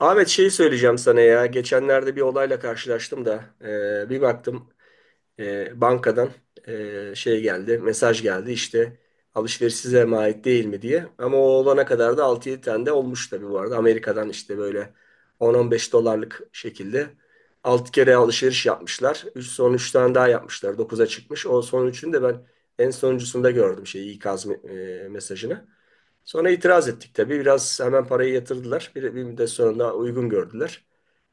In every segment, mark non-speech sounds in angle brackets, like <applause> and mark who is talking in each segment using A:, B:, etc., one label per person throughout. A: Ahmet şeyi söyleyeceğim sana ya. Geçenlerde bir olayla karşılaştım da bir baktım, bankadan, şey geldi, mesaj geldi işte alışveriş size mi ait değil mi diye. Ama o olana kadar da altı yedi tane de olmuş tabii bu arada. Amerika'dan işte böyle 10-15 dolarlık şekilde 6 kere alışveriş yapmışlar. Son 3 tane daha yapmışlar. Dokuz'a çıkmış. O son üçünü de ben en sonuncusunda gördüm şey ikaz mesajını. Sonra itiraz ettik tabii. Biraz hemen parayı yatırdılar. Bir müddet sonra da uygun gördüler.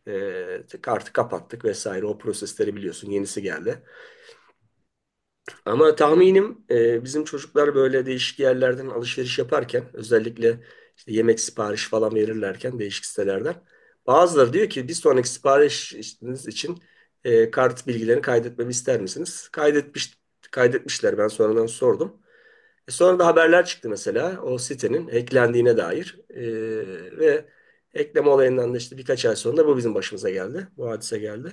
A: Kartı kapattık vesaire. O prosesleri biliyorsun. Yenisi geldi. Ama tahminim bizim çocuklar böyle değişik yerlerden alışveriş yaparken özellikle işte yemek sipariş falan verirlerken değişik sitelerden bazıları diyor ki bir sonraki siparişiniz için kart bilgilerini kaydetmemi ister misiniz? Kaydetmişler. Ben sonradan sordum. Sonra da haberler çıktı mesela o sitenin hacklendiğine dair. Ve ekleme olayından da işte birkaç ay sonra bu bizim başımıza geldi. Bu hadise geldi.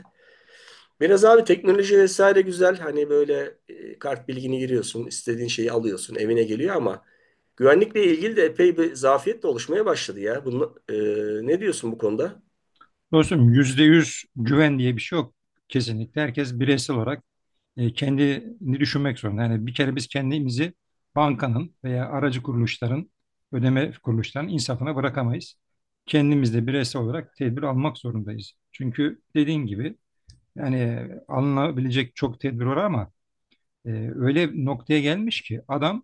A: Biraz abi teknoloji vesaire güzel. Hani böyle kart bilgini giriyorsun, istediğin şeyi alıyorsun, evine geliyor ama güvenlikle ilgili de epey bir zafiyet de oluşmaya başladı ya. Bunu, ne diyorsun bu konuda?
B: Dostum %100 güven diye bir şey yok. Kesinlikle herkes bireysel olarak kendini düşünmek zorunda. Yani bir kere biz kendimizi bankanın veya aracı kuruluşların, ödeme kuruluşlarının insafına bırakamayız. Kendimiz de bireysel olarak tedbir almak zorundayız. Çünkü dediğin gibi yani alınabilecek çok tedbir var ama e, öyle bir noktaya gelmiş ki adam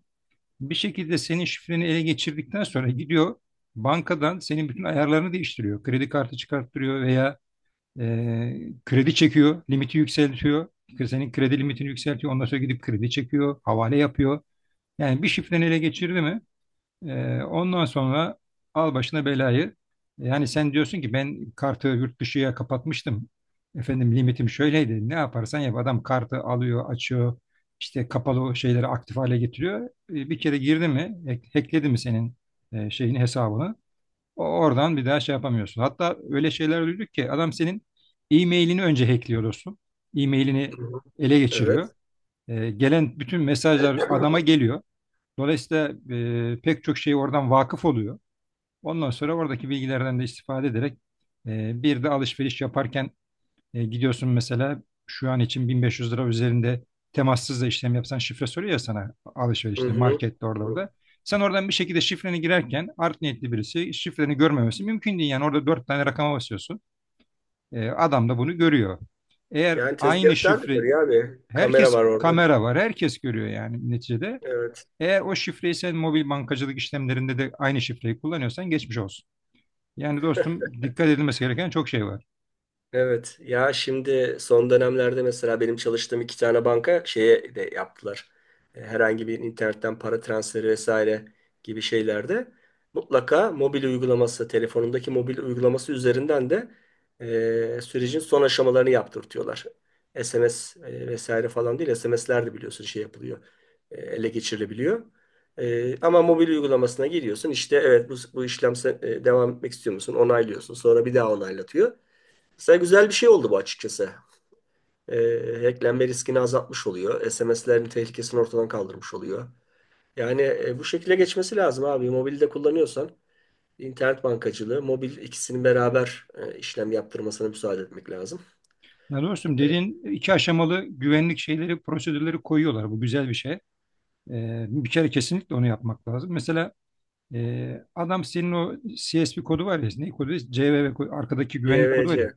B: bir şekilde senin şifreni ele geçirdikten sonra gidiyor bankadan senin bütün ayarlarını değiştiriyor. Kredi kartı çıkarttırıyor veya ee, kredi çekiyor, limiti yükseltiyor. Senin kredi limitini yükseltiyor. Ondan sonra gidip kredi çekiyor, havale yapıyor. Yani bir şifreni ele geçirdi mi? Ondan sonra al başına belayı. Yani sen diyorsun ki ben kartı yurt dışıya kapatmıştım. Efendim limitim şöyleydi. Ne yaparsan yap. Adam kartı alıyor, açıyor. İşte kapalı şeyleri aktif hale getiriyor. Bir kere girdi mi, hackledi mi senin şeyini, hesabını? Oradan bir daha şey yapamıyorsun. Hatta öyle şeyler duyduk ki adam senin e-mailini önce hackliyor dostum. E-mailini
A: Hı hı.
B: ele geçiriyor.
A: Evet.
B: Gelen bütün mesajlar adama geliyor. Dolayısıyla pek çok şey oradan vakıf oluyor. Ondan sonra oradaki bilgilerden de istifade ederek bir de alışveriş yaparken gidiyorsun mesela şu an için 1.500 lira üzerinde temassız da işlem yapsan şifre soruyor ya sana
A: Hı
B: alışverişte,
A: hı.
B: markette orada. Sen oradan bir şekilde şifreni girerken art niyetli birisi şifreni görmemesi mümkün değil. Yani orada dört tane rakama basıyorsun. Adam da bunu görüyor. Eğer
A: Yani
B: aynı
A: tezgahtar da
B: şifre,
A: görüyor abi. Kamera
B: herkes
A: var orada.
B: kamera var, herkes görüyor yani neticede.
A: Evet.
B: Eğer o şifreyi sen mobil bankacılık işlemlerinde de aynı şifreyi kullanıyorsan geçmiş olsun. Yani dostum dikkat edilmesi gereken çok şey var.
A: Evet ya şimdi son dönemlerde mesela benim çalıştığım iki tane banka şeye de yaptılar. Herhangi bir internetten para transferi vesaire gibi şeylerde mutlaka mobil uygulaması, telefonundaki mobil uygulaması üzerinden de sürecin son aşamalarını yaptırtıyorlar. SMS vesaire falan değil, SMS'ler de biliyorsun şey yapılıyor, ele geçirilebiliyor. Ama mobil uygulamasına giriyorsun işte evet bu işlem devam etmek istiyor musun? Onaylıyorsun sonra bir daha onaylatıyor. Mesela güzel bir şey oldu bu açıkçası. Hacklenme riskini azaltmış oluyor. SMS'lerin tehlikesini ortadan kaldırmış oluyor. Yani bu şekilde geçmesi lazım abi. Mobilde kullanıyorsan internet bankacılığı, mobil ikisinin beraber işlem yaptırmasına müsaade etmek lazım.
B: Ya dostum
A: E,
B: dediğin iki aşamalı güvenlik şeyleri, prosedürleri koyuyorlar. Bu güzel bir şey. Bir kere kesinlikle onu yapmak lazım. Mesela adam senin o C S CSP kodu var ya, ne kodu? C V V kodu, arkadaki güvenlik kodu var ya.
A: YVC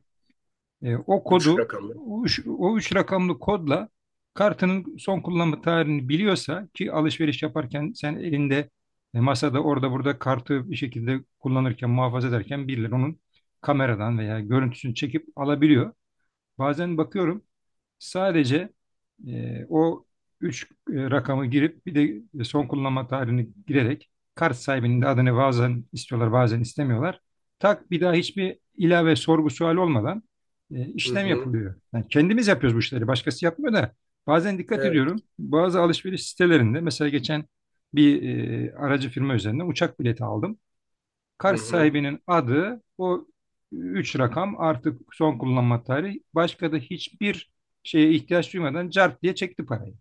B: O
A: 3
B: kodu,
A: rakamlı.
B: o üç rakamlı kodla kartının son kullanma tarihini biliyorsa, ki alışveriş yaparken sen elinde, masada, orada burada kartı bir şekilde kullanırken, muhafaza ederken birileri onun kameradan veya görüntüsünü çekip alabiliyor. Bazen bakıyorum, sadece o 3 rakamı girip bir de son kullanma tarihini girerek kart sahibinin de adını bazen istiyorlar bazen istemiyorlar. Tak, bir daha hiçbir ilave sorgu sual olmadan
A: Hı
B: işlem
A: hı.
B: yapılıyor. Yani kendimiz yapıyoruz bu işleri, başkası yapmıyor da bazen dikkat
A: Evet.
B: ediyorum bazı alışveriş sitelerinde. Mesela geçen bir aracı firma üzerinden uçak bileti aldım.
A: Hı
B: Kars
A: hı.
B: sahibinin adı, o üç rakam, artık son kullanma tarihi. Başka da hiçbir şeye ihtiyaç duymadan cart diye çekti parayı.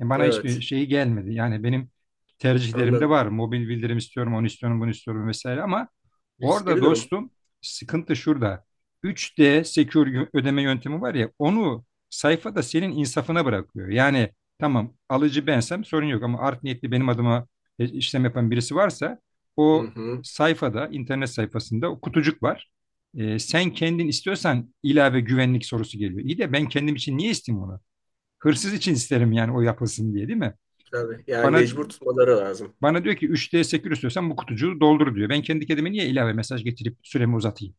B: Bana hiçbir
A: Evet.
B: şeyi gelmedi. Yani benim tercihlerimde
A: Anladım.
B: var. Mobil bildirim istiyorum, onu istiyorum, bunu istiyorum vesaire, ama
A: Riskli
B: orada
A: bir durum.
B: dostum sıkıntı şurada. Üç d Secure ödeme yöntemi var ya, onu sayfada senin insafına bırakıyor. Yani tamam, alıcı bensem sorun yok, ama art niyetli benim adıma işlem yapan birisi varsa,
A: Hı
B: o
A: hı.
B: sayfada, internet sayfasında o kutucuk var. Sen kendin istiyorsan ilave güvenlik sorusu geliyor. İyi de ben kendim için niye isteyeyim onu? Hırsız için isterim yani, o yapılsın diye, değil mi?
A: Tabii. Yani
B: Bana
A: mecbur tutmaları lazım.
B: bana diyor ki üç d sekür istiyorsan bu kutucuğu doldur diyor. Ben kendi kendime niye ilave mesaj getirip süremi uzatayım?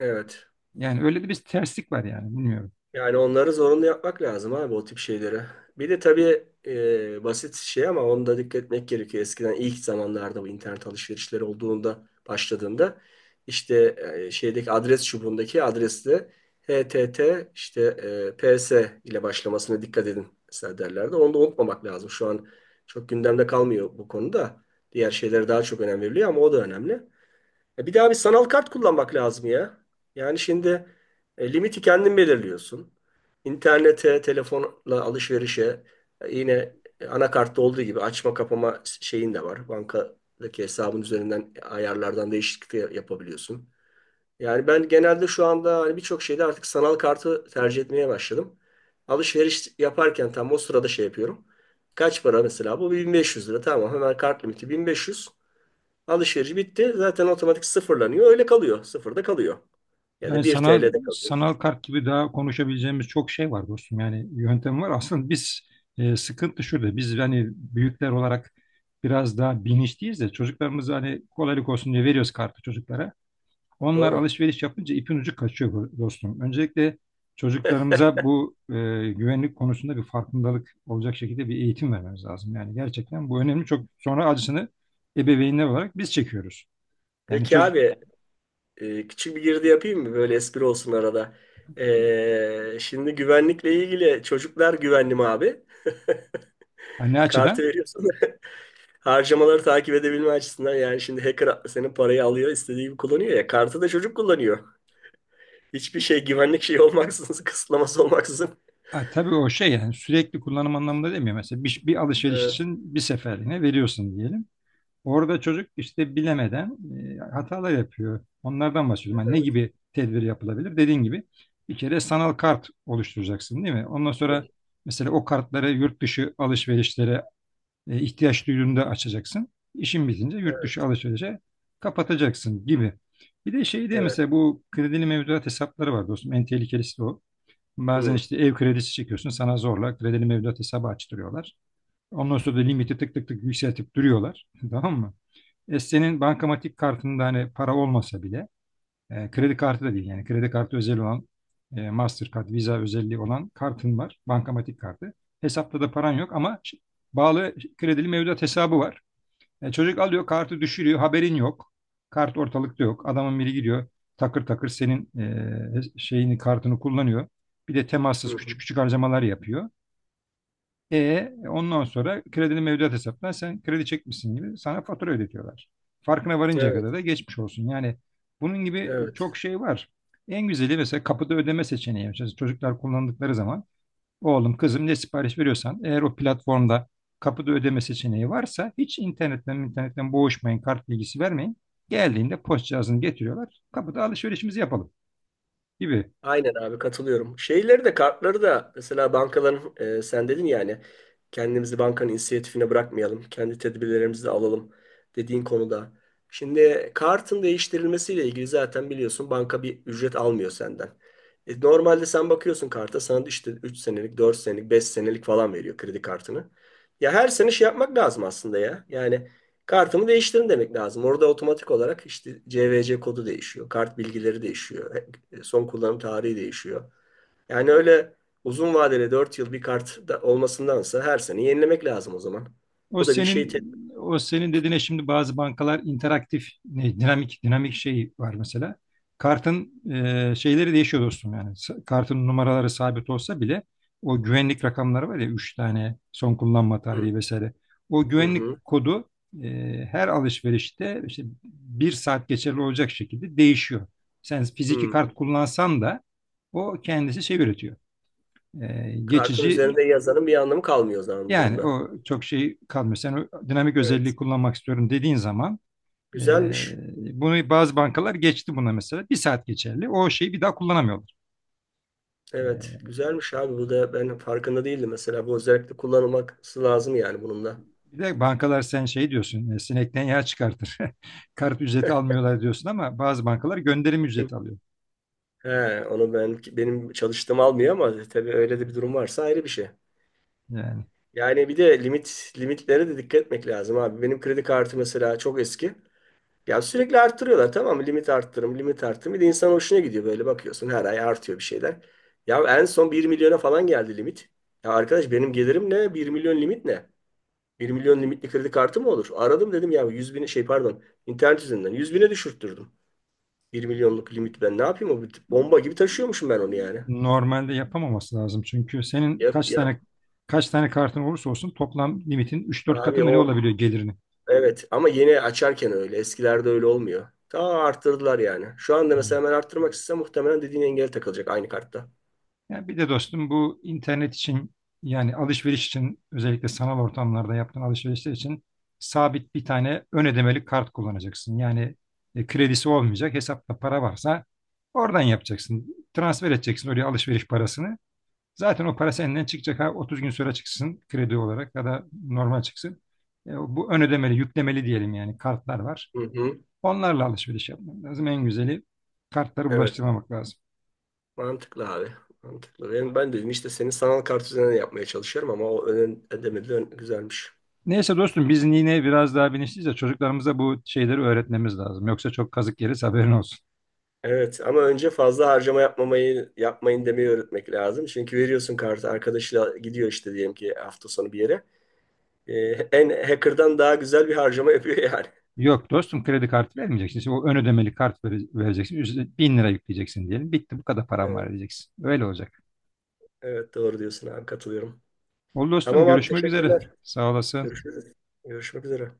A: Evet.
B: Yani öyle de bir terslik var, yani bilmiyorum.
A: Yani onları zorunlu yapmak lazım abi o tip şeyleri. Bir de tabii basit şey ama onu da dikkat etmek gerekiyor. Eskiden ilk zamanlarda bu internet alışverişleri olduğunda başladığında işte şeydeki adres çubuğundaki adresle HTT işte PS ile başlamasına dikkat edin mesela derlerdi. Onu da unutmamak lazım. Şu an çok gündemde kalmıyor bu konuda. Diğer şeylere daha çok önem veriliyor ama o da önemli. Bir de abi sanal kart kullanmak lazım ya. Yani şimdi limiti kendin belirliyorsun. İnternete, telefonla alışverişe yine anakartta olduğu gibi açma kapama şeyin de var. Bankadaki hesabın üzerinden ayarlardan değişiklik de yapabiliyorsun. Yani ben genelde şu anda hani birçok şeyde artık sanal kartı tercih etmeye başladım. Alışveriş yaparken tam o sırada şey yapıyorum. Kaç para mesela? Bu 1500 lira. Tamam, hemen kart limiti 1500. Alışveriş bitti. Zaten otomatik sıfırlanıyor. Öyle kalıyor. Sıfırda kalıyor. Ya da
B: Yani
A: 1
B: sanal
A: TL'de kalıyor.
B: sanal kart gibi daha konuşabileceğimiz çok şey var dostum. Yani yöntem var. Aslında biz, sıkıntı şurada. Biz hani büyükler olarak biraz daha bilinçliyiz de çocuklarımız, hani kolaylık olsun diye veriyoruz kartı çocuklara. Onlar
A: Doğru.
B: alışveriş yapınca ipin ucu kaçıyor dostum. Öncelikle çocuklarımıza bu güvenlik konusunda bir farkındalık olacak şekilde bir eğitim vermemiz lazım. Yani gerçekten bu önemli. Çok sonra acısını ebeveynler olarak biz çekiyoruz. Yani
A: Peki
B: çocuk,
A: abi küçük bir girdi yapayım mı? Böyle espri olsun arada. Şimdi güvenlikle ilgili çocuklar güvenli mi abi? <laughs>
B: anne
A: Kartı
B: açıdan,
A: veriyorsun. <laughs> Harcamaları takip edebilme açısından, yani şimdi hacker senin parayı alıyor istediği gibi kullanıyor ya. Kartı da çocuk kullanıyor. Hiçbir şey güvenlik şeyi olmaksızın, <laughs> kısıtlaması olmaksızın.
B: ha, tabii o şey, yani sürekli kullanım anlamında demiyor. Mesela bir alışveriş
A: Evet,
B: için bir seferliğine veriyorsun diyelim. Orada çocuk işte bilemeden hatalar yapıyor. Onlardan bahsediyorum. Hani ne
A: evet,
B: gibi tedbir yapılabilir? Dediğin gibi, bir kere sanal kart oluşturacaksın, değil mi? Ondan sonra mesela o kartları yurt dışı alışverişlere ihtiyaç duyduğunda açacaksın. İşin bitince yurt dışı
A: evet,
B: alışverişe kapatacaksın gibi. Bir de şeyde
A: evet.
B: mesela, bu kredili mevduat hesapları var dostum. En tehlikelisi de o. Bazen
A: Hı,
B: işte ev kredisi çekiyorsun, sana zorla kredili mevduat hesabı açtırıyorlar. Ondan sonra da limiti tık tık tık yükseltip duruyorlar. <laughs> Tamam mı? Senin bankamatik kartında hani para olmasa bile, kredi kartı da değil, yani kredi kartı özel olan, Mastercard, Visa özelliği olan kartın var. Bankamatik kartı. Hesapta da paran yok ama bağlı kredili mevduat hesabı var. Çocuk alıyor kartı, düşürüyor, haberin yok. Kart ortalıkta yok. Adamın biri gidiyor takır takır senin şeyini, kartını kullanıyor. Bir de
A: hı,
B: temassız
A: hı.
B: küçük küçük harcamalar yapıyor. Ondan sonra kredinin mevduat hesaptan sen kredi çekmişsin gibi sana fatura ödetiyorlar. Farkına varıncaya kadar
A: Evet,
B: da geçmiş olsun. Yani bunun gibi
A: evet.
B: çok şey var. En güzeli mesela kapıda ödeme seçeneği. Mesela çocuklar kullandıkları zaman, oğlum kızım ne sipariş veriyorsan, eğer o platformda kapıda ödeme seçeneği varsa hiç internetten boğuşmayın, kart bilgisi vermeyin. Geldiğinde post cihazını getiriyorlar. Kapıda alışverişimizi yapalım gibi.
A: Aynen abi, katılıyorum. Şeyleri de kartları da mesela bankaların sen dedin yani kendimizi bankanın inisiyatifine bırakmayalım. Kendi tedbirlerimizi de alalım dediğin konuda. Şimdi kartın değiştirilmesiyle ilgili zaten biliyorsun banka bir ücret almıyor senden. Normalde sen bakıyorsun karta sana işte 3 senelik, 4 senelik, 5 senelik falan veriyor kredi kartını. Ya her sene şey yapmak lazım aslında ya. Yani kartımı değiştirin demek lazım. Orada otomatik olarak işte CVC kodu değişiyor, kart bilgileri değişiyor. Son kullanım tarihi değişiyor. Yani öyle uzun vadeli 4 yıl bir kart da olmasındansa her sene yenilemek lazım o zaman.
B: O
A: Bu da bir şey.
B: senin o senin dediğine, şimdi bazı bankalar interaktif, ne, dinamik şey var mesela. Kartın şeyleri değişiyor dostum yani. Kartın numaraları sabit olsa bile o güvenlik rakamları var ya, 3 tane, son kullanma
A: Hı,
B: tarihi vesaire. O
A: hı,
B: güvenlik
A: hı,
B: kodu her alışverişte işte bir saat geçerli olacak şekilde değişiyor. Sen fiziki
A: hı.
B: kart kullansan da o kendisi şey üretiyor. E,
A: Kartın
B: geçici
A: üzerinde yazanın bir anlamı kalmıyor o zaman bu
B: yani,
A: durumda.
B: o çok şey kalmıyor. Sen o dinamik özelliği
A: Evet.
B: kullanmak istiyorum dediğin zaman, e,
A: Güzelmiş.
B: bunu bazı bankalar geçti buna mesela. Bir saat geçerli. O şeyi bir daha kullanamıyorlar.
A: Evet,
B: E,
A: güzelmiş abi. Bu da ben farkında değildim mesela. Bu özellikle kullanılması lazım yani bunun da.
B: bir de bankalar, sen şey diyorsun, sinekten yağ çıkartır. <laughs> Kart ücreti almıyorlar diyorsun ama bazı bankalar gönderim ücreti alıyor.
A: He, onu ben benim çalıştığım almıyor ama tabii öyle de bir durum varsa ayrı bir şey.
B: Yani
A: Yani bir de limitlere de dikkat etmek lazım abi. Benim kredi kartı mesela çok eski. Ya sürekli arttırıyorlar, tamam mı? Limit arttırım, limit arttırım. Bir de insan hoşuna gidiyor, böyle bakıyorsun her ay artıyor bir şeyler. Ya en son 1 milyona falan geldi limit. Ya arkadaş, benim gelirim ne? 1 milyon limit ne? 1 milyon limitli kredi kartı mı olur? Aradım dedim ya 100 bin şey pardon, internet üzerinden 100 bine düşürttürdüm. 1 milyonluk limit ben ne yapayım, o bomba gibi taşıyormuşum ben onu yani.
B: normalde yapamaması lazım. Çünkü senin
A: Yap
B: kaç
A: ya
B: tane kaç tane kartın olursa olsun toplam limitin üç dört katı
A: abi,
B: mı ne
A: o
B: olabiliyor gelirini?
A: evet ama yeni açarken öyle, eskilerde öyle olmuyor. Ta arttırdılar yani. Şu anda
B: Hmm.
A: mesela ben arttırmak istesem muhtemelen dediğin engel takılacak aynı kartta.
B: Ya bir de dostum bu internet için, yani alışveriş için, özellikle sanal ortamlarda yaptığın alışverişler için sabit bir tane ön ödemeli kart kullanacaksın. Yani kredisi olmayacak, hesapta para varsa oradan yapacaksın. Transfer edeceksin oraya alışveriş parasını. Zaten o para senden çıkacak. Ha, 30 gün sonra çıksın kredi olarak ya da normal çıksın. E, bu ön ödemeli, yüklemeli diyelim yani, kartlar var.
A: Hı hı.
B: Onlarla alışveriş yapmak lazım. En güzeli kartları
A: Evet,
B: bulaştırmamak lazım.
A: mantıklı abi. Mantıklı. Ben dedim işte senin sanal kart üzerinden yapmaya çalışıyorum ama o ön ödemeli güzelmiş.
B: Neyse dostum, biz yine biraz daha bilinçliyiz de çocuklarımıza bu şeyleri öğretmemiz lazım. Yoksa çok kazık yeriz, haberin olsun.
A: Evet ama önce fazla harcama yapmamayı, yapmayın demeyi öğretmek lazım. Çünkü veriyorsun kartı, arkadaşıyla gidiyor işte diyelim ki hafta sonu bir yere. Ee, en hacker'dan daha güzel bir harcama yapıyor yani.
B: Yok dostum, kredi kartı vermeyeceksin. Şimdi o ön ödemeli kart vereceksin. Üstüne 1.000 lira yükleyeceksin diyelim. Bitti, bu kadar param var
A: Evet,
B: diyeceksin. Öyle olacak.
A: evet doğru diyorsun abi, katılıyorum.
B: Oldu dostum,
A: Tamam abi,
B: görüşmek üzere.
A: teşekkürler.
B: Sağ olasın.
A: Görüşürüz. Görüşmek üzere.